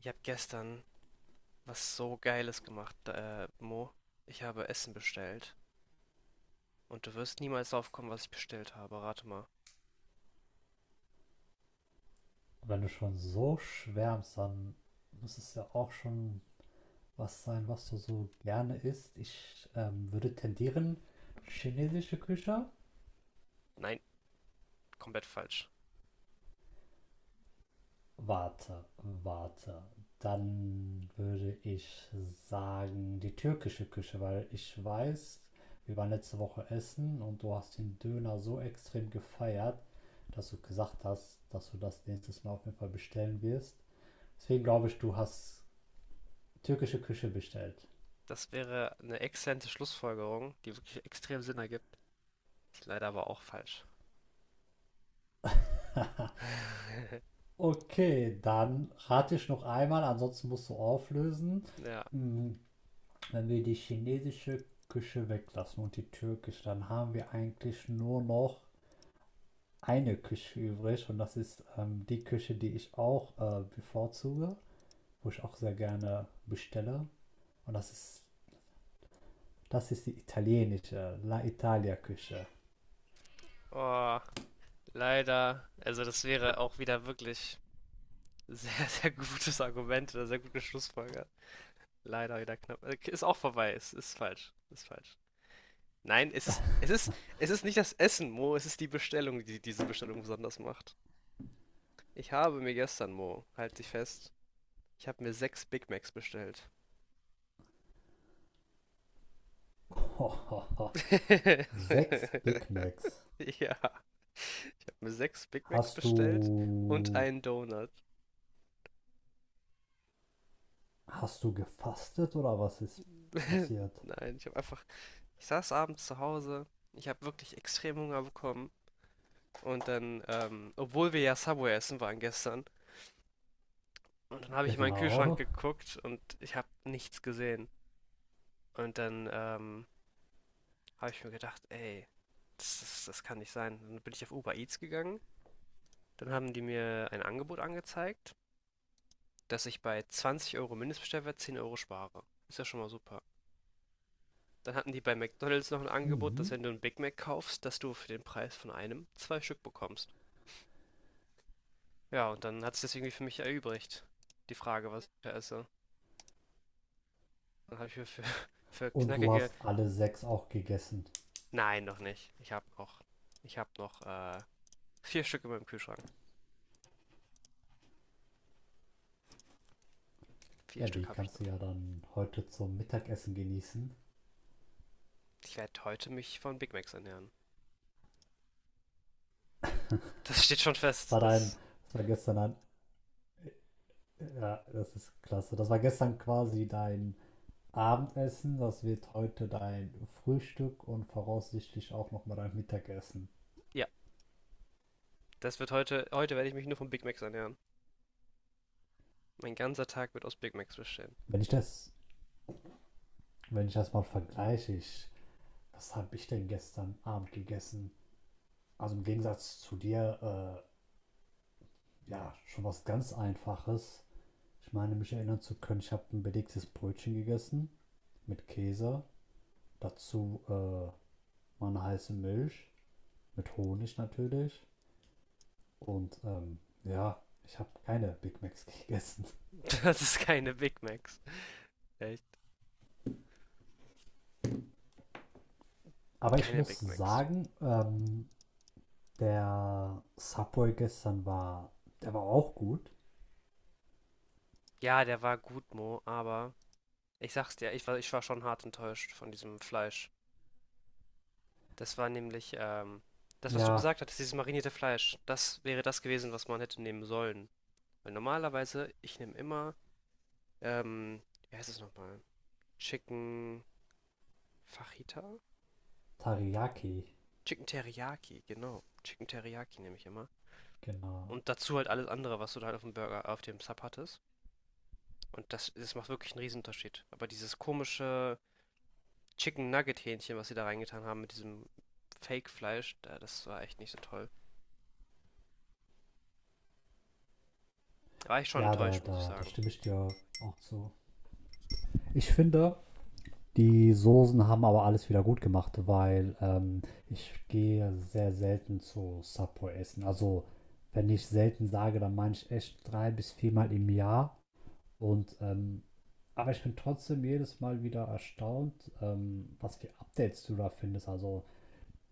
Ich habe gestern was so Geiles gemacht, Mo. Ich habe Essen bestellt. Und du wirst niemals drauf kommen, was ich bestellt habe. Rate mal. Wenn du schon so schwärmst, dann muss es ja auch schon was sein, was du so gerne isst. Ich würde tendieren, chinesische Küche. Nein, komplett falsch. Warte, warte. Dann würde ich sagen, die türkische Küche, weil ich weiß, wir waren letzte Woche essen und du hast den Döner so extrem gefeiert, dass du gesagt hast, dass du das nächstes Mal auf jeden Fall bestellen wirst. Deswegen glaube ich, du hast türkische Küche bestellt. Das wäre eine exzellente Schlussfolgerung, die wirklich extrem Sinn ergibt. Ist leider aber auch falsch. Okay, dann rate ich noch einmal, ansonsten musst du auflösen. Ja. Hm, Wenn wir die chinesische Küche weglassen und die türkische, dann haben wir eigentlich nur noch eine Küche übrig und das ist die Küche, die ich auch bevorzuge, wo ich auch sehr gerne bestelle. Und das ist die italienische, La Italia Küche. Oh, leider. Also das wäre auch wieder wirklich sehr, sehr gutes Argument oder sehr gute Schlussfolgerung. Leider wieder knapp. Ist auch vorbei. Ist falsch. Ist falsch. Nein, es ist nicht das Essen, Mo, es ist die Bestellung, die diese Bestellung besonders macht. Ich habe mir gestern, Mo, halt dich fest, ich habe mir sechs Big Macs bestellt. Sechs Big Macs. Ja. Ich habe mir 6 Big Macs Hast bestellt und du einen Donut. Hast du gefastet oder was ist passiert? Nein, ich habe einfach ich saß abends zu Hause, ich habe wirklich extrem Hunger bekommen und dann, obwohl wir ja Subway essen waren gestern und dann habe ich in meinen Kühlschrank Genau. geguckt und ich habe nichts gesehen. Und dann, habe ich mir gedacht, ey, das kann nicht sein. Dann bin ich auf Uber Eats gegangen. Dann haben die mir ein Angebot angezeigt, dass ich bei 20 Euro Mindestbestellwert 10 Euro spare. Ist ja schon mal super. Dann hatten die bei McDonald's noch ein Angebot, dass Mhm. wenn du einen Big Mac kaufst, dass du für den Preis von einem zwei Stück bekommst. Ja, und dann hat es das irgendwie für mich erübrigt. Die Frage, was ich da esse. Dann habe ich mir für, für Und du knackige. hast alle sechs auch gegessen. Nein, noch nicht. Ich habe noch. Ich habe noch vier Stück in meinem Kühlschrank. Vier Ja, die Stück habe ich kannst noch. du ja dann heute zum Mittagessen genießen. Ich werde heute mich von Big Macs ernähren. Das steht schon Das war fest. dein, Das, das war gestern ein, ja, Das ist klasse. Das war gestern quasi dein Abendessen, das wird heute dein Frühstück und voraussichtlich auch nochmal dein Mittagessen. ja, das wird heute werde ich mich nur von Big Macs ernähren. Mein ganzer Tag wird aus Big Macs bestehen. Wenn ich das, Wenn ich das mal vergleiche, was habe ich denn gestern Abend gegessen? Also im Gegensatz zu dir, ja, schon was ganz Einfaches. Ich meine, mich erinnern zu können, ich habe ein belegtes Brötchen gegessen mit Käse, dazu meine heiße Milch, mit Honig natürlich. Und ja, ich habe keine Big Macs gegessen. Das ist keine Big Macs. Echt? Aber ich Keine muss Big Macs. sagen, der Subway gestern war, der war auch gut. Ja, der war gut, Mo, aber ich sag's dir, ich war schon hart enttäuscht von diesem Fleisch. Das war nämlich, das, was du Ja, gesagt hattest, dieses marinierte Fleisch, das wäre das gewesen, was man hätte nehmen sollen. Weil normalerweise, ich nehme immer, ähm, wie heißt es nochmal? Chicken Fajita? Teriyaki, Chicken Teriyaki, genau. Chicken Teriyaki nehme ich immer. genau. Und dazu halt alles andere, was du da halt auf dem Burger, auf dem Sub hattest. Und das, das macht wirklich einen Riesenunterschied. Aber dieses komische Chicken Nugget Hähnchen, was sie da reingetan haben mit diesem Fake Fleisch, da, das war echt nicht so toll. Da war ich schon Ja, da, enttäuscht, muss ich da, da sagen. stimme ich dir auch zu. Ich finde, Die Soßen haben aber alles wieder gut gemacht, weil ich gehe sehr selten zu Subway essen. Also wenn ich selten sage, dann meine ich echt drei bis viermal im Jahr. Und aber ich bin trotzdem jedes Mal wieder erstaunt, was für Updates du da findest. Also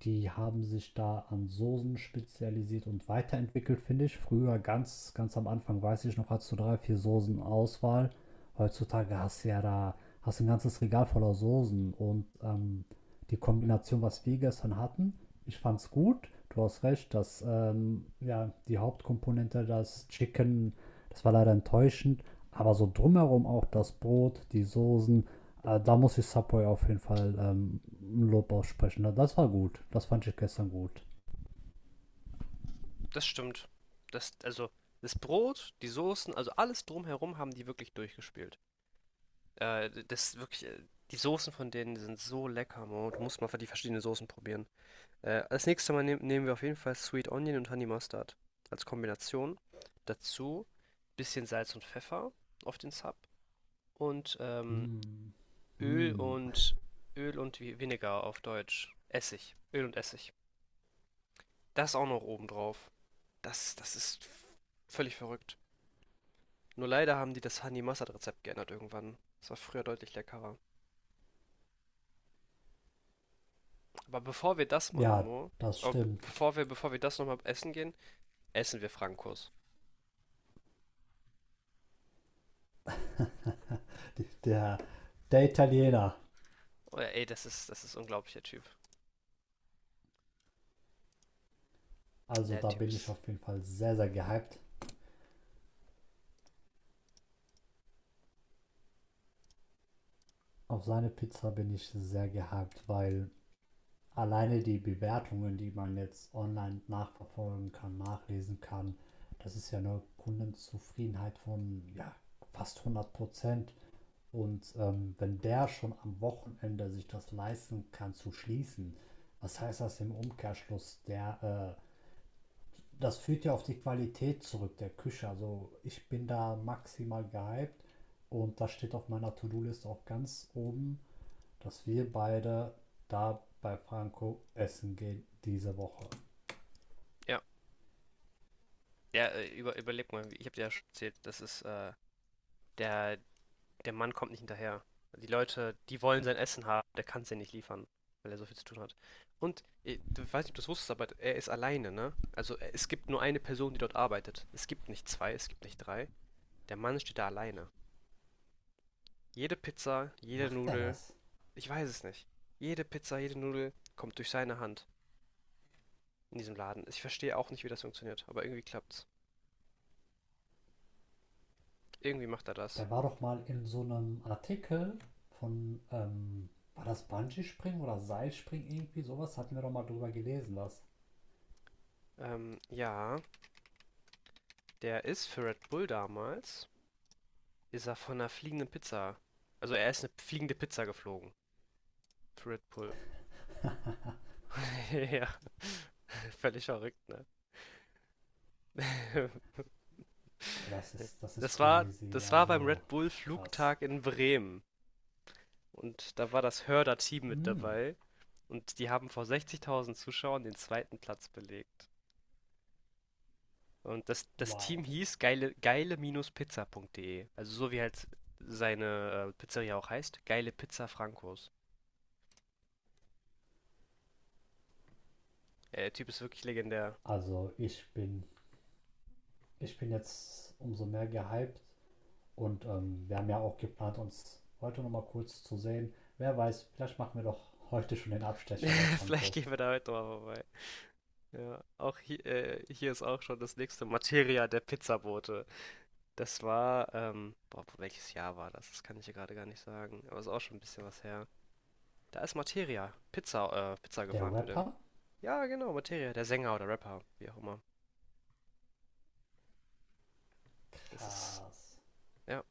die haben sich da an Soßen spezialisiert und weiterentwickelt, finde ich. Früher, ganz am Anfang, weiß ich noch, hattest du drei, vier Soßen Auswahl. Heutzutage hast du ja da hast du ein ganzes Regal voller Soßen und die Kombination, was wir gestern hatten, ich fand's gut. Du hast recht, dass ja, die Hauptkomponente, das Chicken, das war leider enttäuschend. Aber so drumherum auch das Brot, die Soßen, da muss ich Subway auf jeden Fall Lob aussprechen. Das war gut. Das fand ich gestern gut. Das stimmt. Das, also, das Brot, die Soßen, also alles drumherum haben die wirklich durchgespielt. Das wirklich, die Soßen von denen sind so lecker, Mo. Du musst mal die verschiedenen Soßen probieren. Als nächstes Mal nehmen wir auf jeden Fall Sweet Onion und Honey Mustard als Kombination. Dazu bisschen Salz und Pfeffer auf den Sub und Mm. Öl Mm. und Vinegar auf Deutsch. Essig. Öl und Essig. Das auch noch oben drauf. Das, das ist f- völlig verrückt. Nur leider haben die das Honey Mustard Rezept geändert irgendwann. Das war früher deutlich leckerer. Aber bevor wir das machen, Ja, Mo, das stimmt. Bevor wir das nochmal essen gehen, essen wir Frankos. Der, der Italiener. Oh ja, ey, das ist unglaublich, der Typ. Also Der da bin Typs ich ist. auf jeden Fall sehr, sehr gehypt. Auf seine Pizza bin ich sehr gehypt, weil alleine die Bewertungen, die man jetzt online nachverfolgen kann, nachlesen kann, das ist ja eine Kundenzufriedenheit von ja, fast 100%. Und wenn der schon am Wochenende sich das leisten kann zu schließen, was heißt das im Umkehrschluss? Das führt ja auf die Qualität zurück der Küche. Also ich bin da maximal gehypt und das steht auf meiner To-Do-Liste auch ganz oben, dass wir beide da bei Franco essen gehen diese Woche. Ja, überleg mal, ich habe dir ja schon erzählt, der, der Mann kommt nicht hinterher. Die Leute, die wollen sein Essen haben, der kann es ja nicht liefern, weil er so viel zu tun hat. Und, ich weiß nicht, ob du es wusstest, aber er ist alleine, ne? Also es gibt nur eine Person, die dort arbeitet. Es gibt nicht zwei, es gibt nicht drei. Der Mann steht da alleine. Jede Pizza, Wie jede macht er Nudel, das? ich weiß es nicht. Jede Pizza, jede Nudel kommt durch seine Hand in diesem Laden. Ich verstehe auch nicht, wie das funktioniert, aber irgendwie klappt's. Irgendwie macht er das. Der war doch mal in so einem Artikel von, war das Bungee-Springen oder Seilspringen irgendwie sowas? Hatten wir doch mal drüber gelesen, was. Ja. Der ist für Red Bull damals, ist er von einer fliegenden Pizza. Also er ist eine fliegende Pizza geflogen. Für Red Bull. Ja. Völlig verrückt, ne? Das ist crazy, das war beim also Red Bull krass. Flugtag in Bremen. Und da war das Hörder-Team mit Mm, dabei. Und die haben vor 60.000 Zuschauern den zweiten Platz belegt. Und das wow. Team hieß geile-pizza.de. Also so wie halt seine Pizzeria auch heißt, Geile Pizza Frankos. Ja, der Typ ist wirklich legendär. Also ich bin, ich bin jetzt umso mehr gehypt und wir haben ja auch geplant, uns heute nochmal kurz zu sehen. Wer weiß, vielleicht machen wir doch heute schon den Abstecher bei Vielleicht Franco. gehen wir da heute mal vorbei. Ja, auch hier, hier ist auch schon das nächste Materia der Pizzabote. Das war, boah, welches Jahr war das? Das kann ich hier gerade gar nicht sagen. Aber ist auch schon ein bisschen was her. Da ist Materia, Pizza Der gefahren für den. Rapper? Ja, genau, Materia, der Sänger oder Rapper, wie auch immer. Das ist, Krass. ja,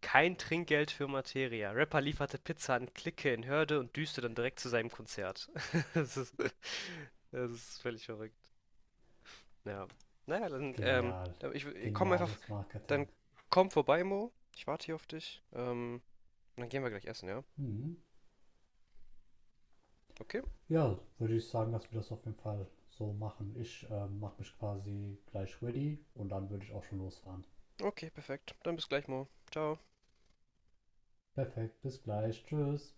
kein Trinkgeld für Materia. Rapper lieferte Pizza an Clique in Hörde und düste dann direkt zu seinem Konzert. Das ist, das ist völlig verrückt. Ja. Naja, dann, Genial. Komm einfach, Geniales dann Marketing. komm vorbei, Mo. Ich warte hier auf dich. Und dann gehen wir gleich essen, ja? Mhm. Okay? Ja, würde ich sagen, dass wir das auf jeden Fall so machen. Ich mache mich quasi gleich ready und dann würde ich auch schon losfahren. Okay, perfekt. Dann bis gleich, Mo. Ciao. Perfekt, bis gleich, tschüss.